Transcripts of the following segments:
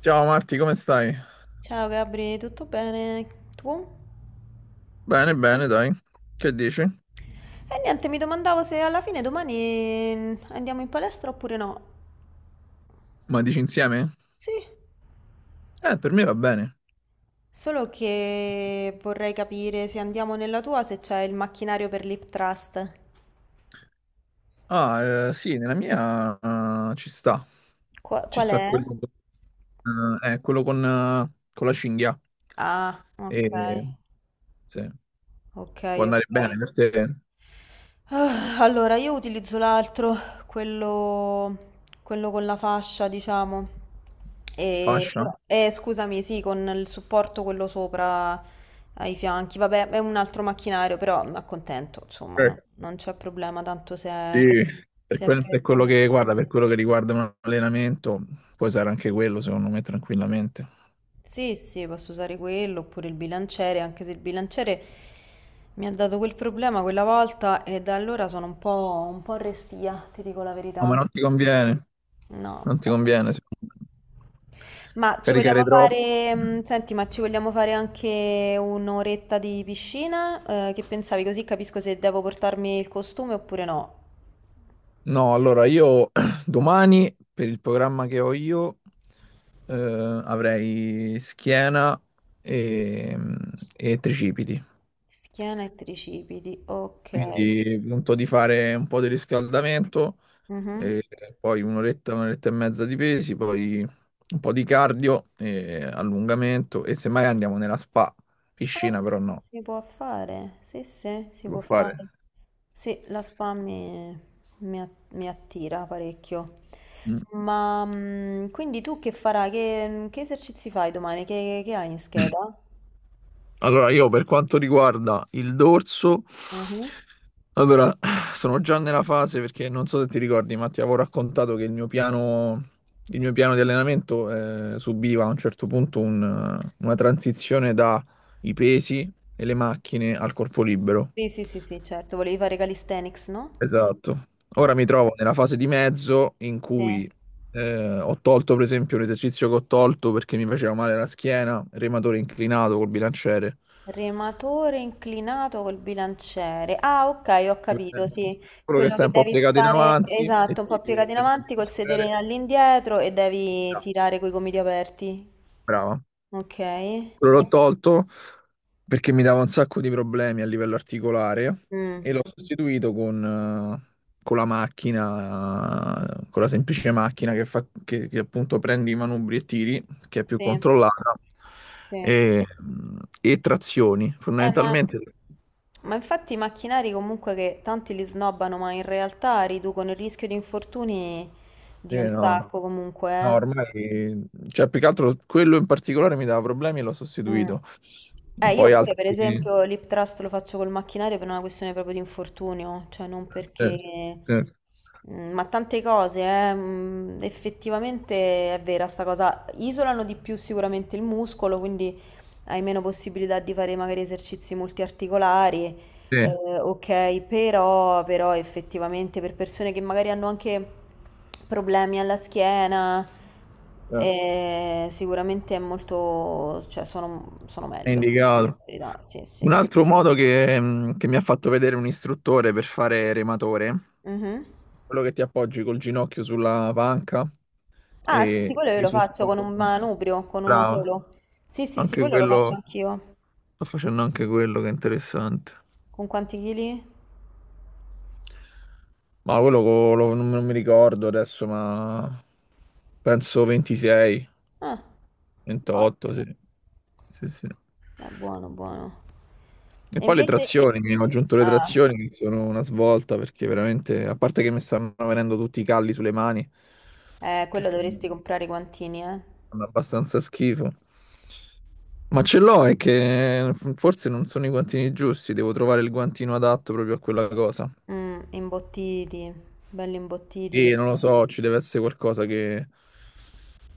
Ciao Marti, come stai? Ciao Gabri, tutto bene? Tu? Bene, bene, dai. Che dici? E niente, mi domandavo se alla fine domani andiamo in palestra oppure no. Ma dici insieme? Sì, Per me va bene. solo che vorrei capire se andiamo nella tua, se c'è il macchinario per l'hip thrust. Ah, sì, nella mia ci sta. Ci Qual sta è? quello, quello con la cinghia. Ah, ok. E, sì, Ok, può andare ok. bene per te. Ah, allora, io utilizzo l'altro, quello, con la fascia, diciamo. E, Fascia? Scusami, sì, con il supporto quello sopra ai fianchi. Vabbè, è un altro macchinario, però mi accontento, insomma, no? Eh, Non c'è problema, tanto Sì. Per, se è per... per quello che guarda, per quello che riguarda un allenamento, puoi usare anche quello, secondo me, tranquillamente. Sì, sì, posso usare quello, oppure il bilanciere, anche se il bilanciere mi ha dato quel problema quella volta e da allora sono un po' restia, ti dico la No, ma verità. non ti conviene. No. Non ti conviene, secondo me. Ma ci Caricare vogliamo troppo. fare, senti, ma ci vogliamo fare anche un'oretta di piscina? Che pensavi? Così capisco se devo portarmi il costume oppure no. No, allora io domani per il programma che ho io eh, avrei schiena e, e tricipiti. Schiena e tricipiti, ok. Quindi punto di fare un po' di riscaldamento Mhm. e poi un'oretta, un'oretta e mezza di pesi, poi un po' di cardio e allungamento e semmai andiamo nella spa, piscina Ah, però no, si può fare, sì, sì, si si può può fare. fare. Sì, mi mi attira parecchio. Ma quindi tu che farai? Che esercizi fai domani? Che hai in Mm. scheda? Allora, io per quanto riguarda il dorso, Mhm. allora sono già nella fase perché non so se ti ricordi, ma ti avevo raccontato che il mio piano di allenamento subiva a un certo punto una transizione dai pesi e le macchine al corpo libero. Sì, sì, sì, sì, certo, voleva Regalistenics, no? Esatto. Eh, Ora mi trovo nella fase di mezzo in sì. cui ho tolto, per esempio, un esercizio che ho tolto perché mi faceva male la schiena, rematore inclinato col bilanciere. Rematore inclinato col bilanciere. Ah, ok, ho capito, sì. Quello che Quello stai che un po' devi piegato in stare, avanti e esatto, un ti po' piegato in prendi avanti il col bicchiere. all'indietro e devi Ah, tirare coi gomiti aperti. brava. Ok. Quello l'ho tolto perché mi dava un sacco di problemi a livello articolare e Mm, l'ho sostituito con la macchina, con la semplice macchina che appunto prendi i manubri e tiri, che è più sì. controllata, Sì. e, e trazioni. Eh, ma, Fondamentalmente, ma infatti i macchinari comunque che tanti li snobbano, ma in realtà riducono il rischio di infortuni sì, di un no, no. sacco comunque, No, eh. ormai, cioè, più che altro quello in particolare mi dava problemi e l'ho Mm. sostituito. Io Poi pure per altri... esempio l'hip trust lo faccio col macchinario per una questione proprio di infortunio, cioè non Certo, perché... certo, Mm, ma tante cose, effettivamente è vera sta cosa. Isolano di più sicuramente il muscolo, quindi hai meno possibilità di fare magari esercizi multiarticolari sì, ok, però effettivamente per persone che magari hanno anche problemi alla schiena, certo. Sicuramente è molto, sono È meglio. indicato. In verità, sì, sì. Un altro modo che mi ha fatto vedere un istruttore per fare rematore, Mhm. quello che ti appoggi col ginocchio sulla panca Ah, sì, sì, quello io e lo faccio con sopra. un manubrio, con uno Brava, solo. Sì, sì, sì, anche quello lo faccio quello, anch'io. sto facendo anche quello che è interessante. Con quanti chili? Ma quello co- lo- non, non mi ricordo adesso, ma penso 26, Ah, 28, ottimo. sì. Sì, sì. È buono, buono. E E poi le invece... trazioni, che ho aggiunto le Ah, trazioni, che sono una svolta perché veramente, a parte che mi stanno venendo tutti i calli sulle mani, che quello fanno, dovresti comprare i guantini, eh. fanno abbastanza schifo. Ma ce l'ho, è che forse non sono i guantini giusti, devo trovare il guantino adatto proprio a quella cosa. Mm, imbottiti, belli imbottiti E non lo perché... so, ci deve essere qualcosa che...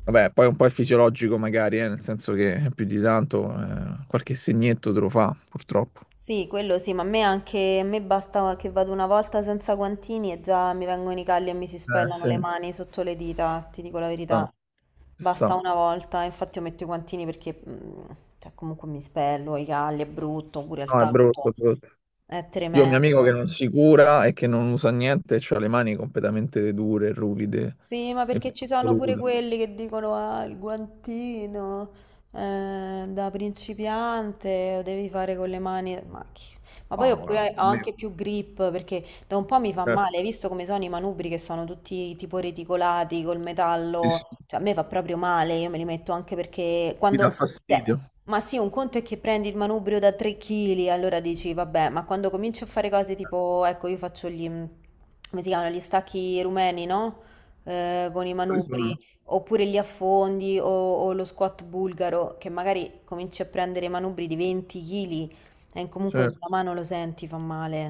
Vabbè, poi un po' è fisiologico magari, nel senso che più di tanto qualche segnetto te lo fa, purtroppo. Sì, quello sì, ma a me basta che vado una volta senza guantini e già mi vengono i calli e mi si spellano Sì, le ci mani sotto le dita, ti dico la sta, verità. ci Basta sta. una volta, infatti io metto i guantini perché cioè, comunque mi spello, i calli è brutto, pure al No, è brutto, tatto, è brutto. è Io ho un mio amico che tremendo. non si cura e che non usa niente, e ha le mani completamente dure, ruvide Sì, ma e perché ci sono pure assolute. quelli che dicono ah, il guantino da principiante lo devi fare con le mani. Ma poi Ah, guarda, oppure ho a me anche più grip perché da un po' mi fa certo, male. Hai visto come sono i manubri che sono tutti tipo reticolati col sì, sì, metallo? Cioè, a me fa proprio male. Io me li metto anche perché mi dà quando. Cioè, fastidio. ma sì, un conto è che prendi il manubrio da 3 kg, allora dici vabbè, ma quando cominci a fare cose Eh, tipo, ecco, io faccio gli, come si chiamano, gli stacchi rumeni, no? Eh, con i Quali manubri, sono? oppure li affondi o lo squat bulgaro, che magari cominci a prendere manubri di 20 kg e comunque sulla Certo. mano lo senti, fa male.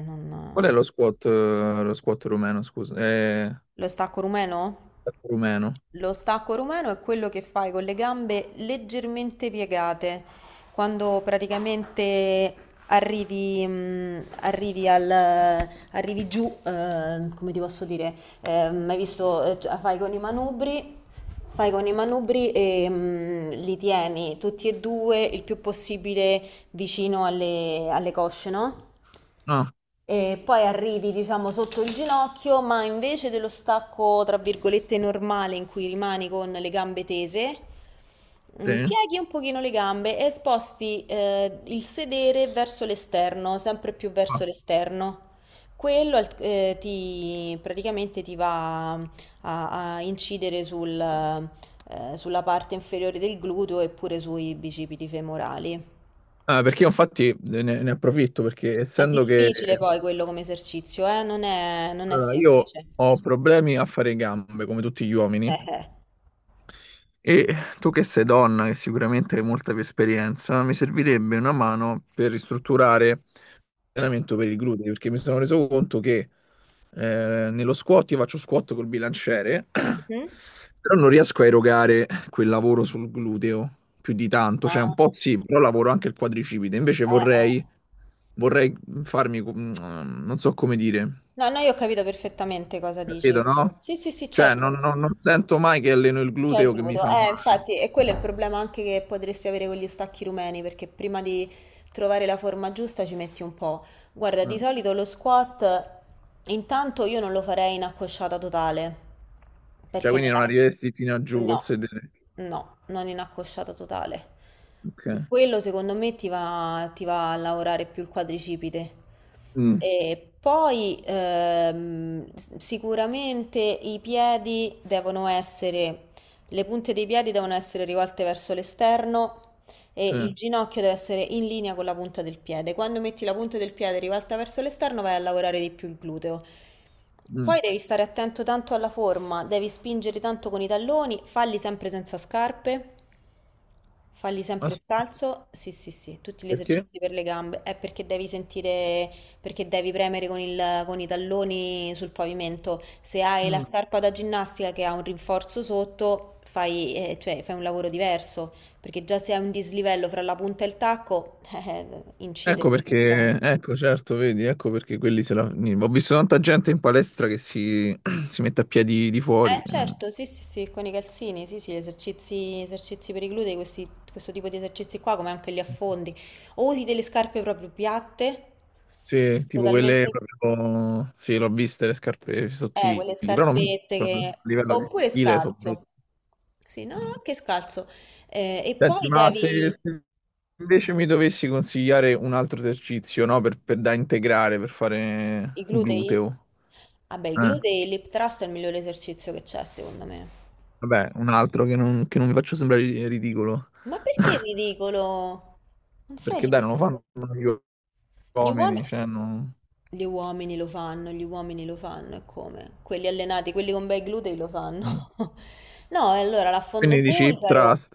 Qual è lo squat rumeno, scusa? Lo stacco rumeno? Rumeno. Lo stacco rumeno è quello che fai con le gambe leggermente piegate, quando praticamente arrivi arrivi giù, come ti posso dire, hai visto, cioè, fai con i manubri e li tieni tutti e due il più possibile vicino alle cosce, no? Ah, E poi arrivi, diciamo, sotto il ginocchio, ma invece dello stacco, tra virgolette, normale in cui rimani con le gambe tese, sì. pieghi un pochino le gambe e sposti il sedere verso l'esterno, sempre più verso l'esterno. Praticamente ti va a incidere sul, sulla parte inferiore del gluteo e pure sui bicipiti femorali. Ah, perché io infatti ne approfitto perché È essendo che difficile poi quello come esercizio, eh? Non è allora, io semplice. ho problemi a fare gambe come tutti gli uomini Eh. e tu che sei donna che sicuramente hai molta più esperienza, mi servirebbe una mano per ristrutturare allenamento per il glutine perché mi sono reso conto che nello squat io faccio squat col bilanciere, Mhm. però non riesco a erogare quel lavoro sul gluteo più di tanto, cioè un Ah, po' sì, però lavoro anche il quadricipite, invece eh. vorrei farmi, non so come dire, No, no, io ho capito perfettamente cosa dici. capito, no? Sì, sì, sì, Cioè certo. Non sento mai che alleno il Che è il gluteo che mi gluteo. fa male, Infatti, e quello è il problema anche che potresti avere con gli stacchi rumeni, perché prima di trovare la forma giusta ci metti un po'. Guarda, di no? solito lo squat, intanto io non lo farei in accosciata totale, Cioè perché quindi non nella... arriveresti fino a giù col No, sedere. no, non in accosciata totale. Ok. Quello secondo me ti va a lavorare più il quadricipite. Mm. E poi sicuramente i piedi devono essere le punte dei piedi devono essere rivolte verso l'esterno e Sì. il ginocchio deve essere in linea con la punta del piede. Quando metti la punta del piede rivolta verso l'esterno vai a lavorare di più il gluteo. Mm. Poi devi stare attento tanto alla forma, devi spingere tanto con i talloni, falli sempre senza scarpe, falli sempre scalzo. Sì, sì, sì, tutti gli Perché? esercizi per le gambe. È perché devi sentire perché devi premere con con i talloni sul pavimento. Se hai la Mm. scarpa da ginnastica che ha un rinforzo sotto, fai un lavoro diverso, perché già se hai un dislivello fra la punta e il tacco, incide Ecco quello sul lavoro. perché, ecco certo, vedi, ecco perché quelli se la... ni- Ho visto tanta gente in palestra che si, si mette a piedi di fuori, Eh certo, sì, sì, sì, con i calzini, sì, sì, esercizi per i glutei, questo tipo di esercizi qua, come anche gli affondi. O usi delle scarpe proprio piatte, sì, tipo quelle totalmente proprio... Sì, l'ho viste le scarpe eh, sottili, quelle però non scarpette piacciono, che... a livello di oppure stile sono brutte. scalzo. Sì, no, no, Mm. anche scalzo. E Senti, poi ma devi... se invece mi dovessi consigliare un altro esercizio, no, da integrare, per fare I glutei? gluteo, Vabbè, i eh, glutei e il lip thrust è il migliore esercizio che c'è, secondo me. vabbè, un altro che non mi faccio sembrare ridicolo. Ma perché è ridicolo? Non sei Perché dai, non lo ridicolo. fanno gli Gli uomini, uomini... cioè non... Gli uomini lo fanno, gli uomini lo fanno, e come? Quelli allenati, quelli con bei glutei lo fanno. Mm. No, e allora l'affondo Quindi dici hip bulgaro, trust.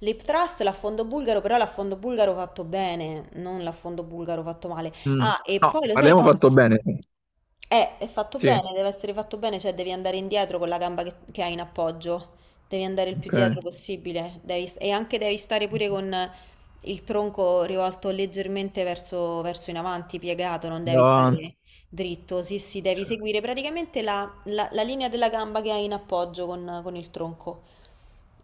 l'hip thrust, l'affondo bulgaro, però l'affondo bulgaro fatto bene, non l'affondo bulgaro fatto male. Mm. Ah, e No, poi lo sai abbiamo fatto bene. eh, è fatto Sì, bene, deve essere fatto bene, cioè devi andare indietro con la gamba che hai in appoggio, devi andare il più ok. Andiamo dietro possibile, e anche devi stare pure con il tronco rivolto leggermente verso in avanti, piegato, non devi avanti. stare dritto. Sì, sì, devi Cioè, seguire praticamente la linea della gamba che hai in appoggio con il tronco.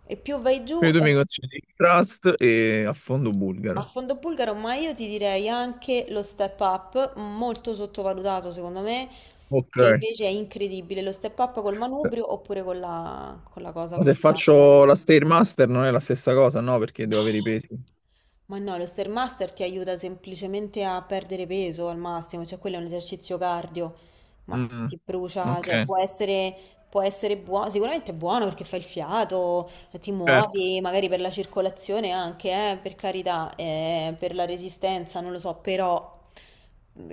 E più vai giù quindi tu mi consigli hip trust e a fondo a bulgaro. fondo bulgaro, ma io ti direi anche lo step up, molto sottovalutato secondo me, Ok. che invece è incredibile. Lo step up col manubrio oppure con con la cosa, Ma come se si chiama? faccio la Stairmaster non è la stessa cosa, no? Perché No. devo avere i pesi. Ma no, lo Stairmaster ti aiuta semplicemente a perdere peso al massimo, cioè quello è un esercizio cardio, ma Mm. ti brucia, Ok, può essere buono, sicuramente è buono perché fai il fiato, ti certo. muovi, magari per la circolazione anche, per carità, per la resistenza, non lo so, però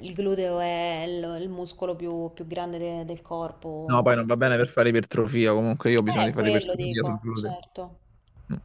il gluteo è il muscolo più grande del No, corpo. poi non va bene per fare ipertrofia, comunque io ho bisogno di fare Quello ipertrofia sul dico, gluteo. certo. Mm.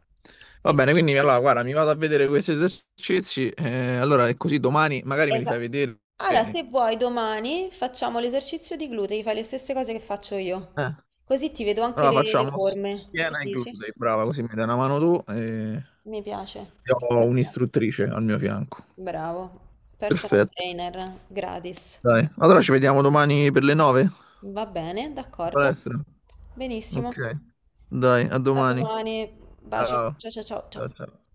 Va Sì, bene, sì, sì. quindi allora guarda, mi vado a vedere questi esercizi, allora è così domani magari me li fai Esatto. vedere. Allora, Eh, se vuoi, domani facciamo l'esercizio di glutei, fai le stesse cose che faccio io. Eh. Così ti vedo anche Allora le facciamo ossa, forme. Che schiena e dici? glutei, brava, così mi dai una mano tu e Mi piace, io ho perfetto. un'istruttrice al mio fianco. Bravo. Personal Perfetto. trainer gratis. Dai, allora ci vediamo domani per le 9 in Va bene, d'accordo. palestra. Benissimo. Ok, dai, a A domani. domani. Bacio. Ciao. Ciao ciao ciao ciao. Ciao, ciao.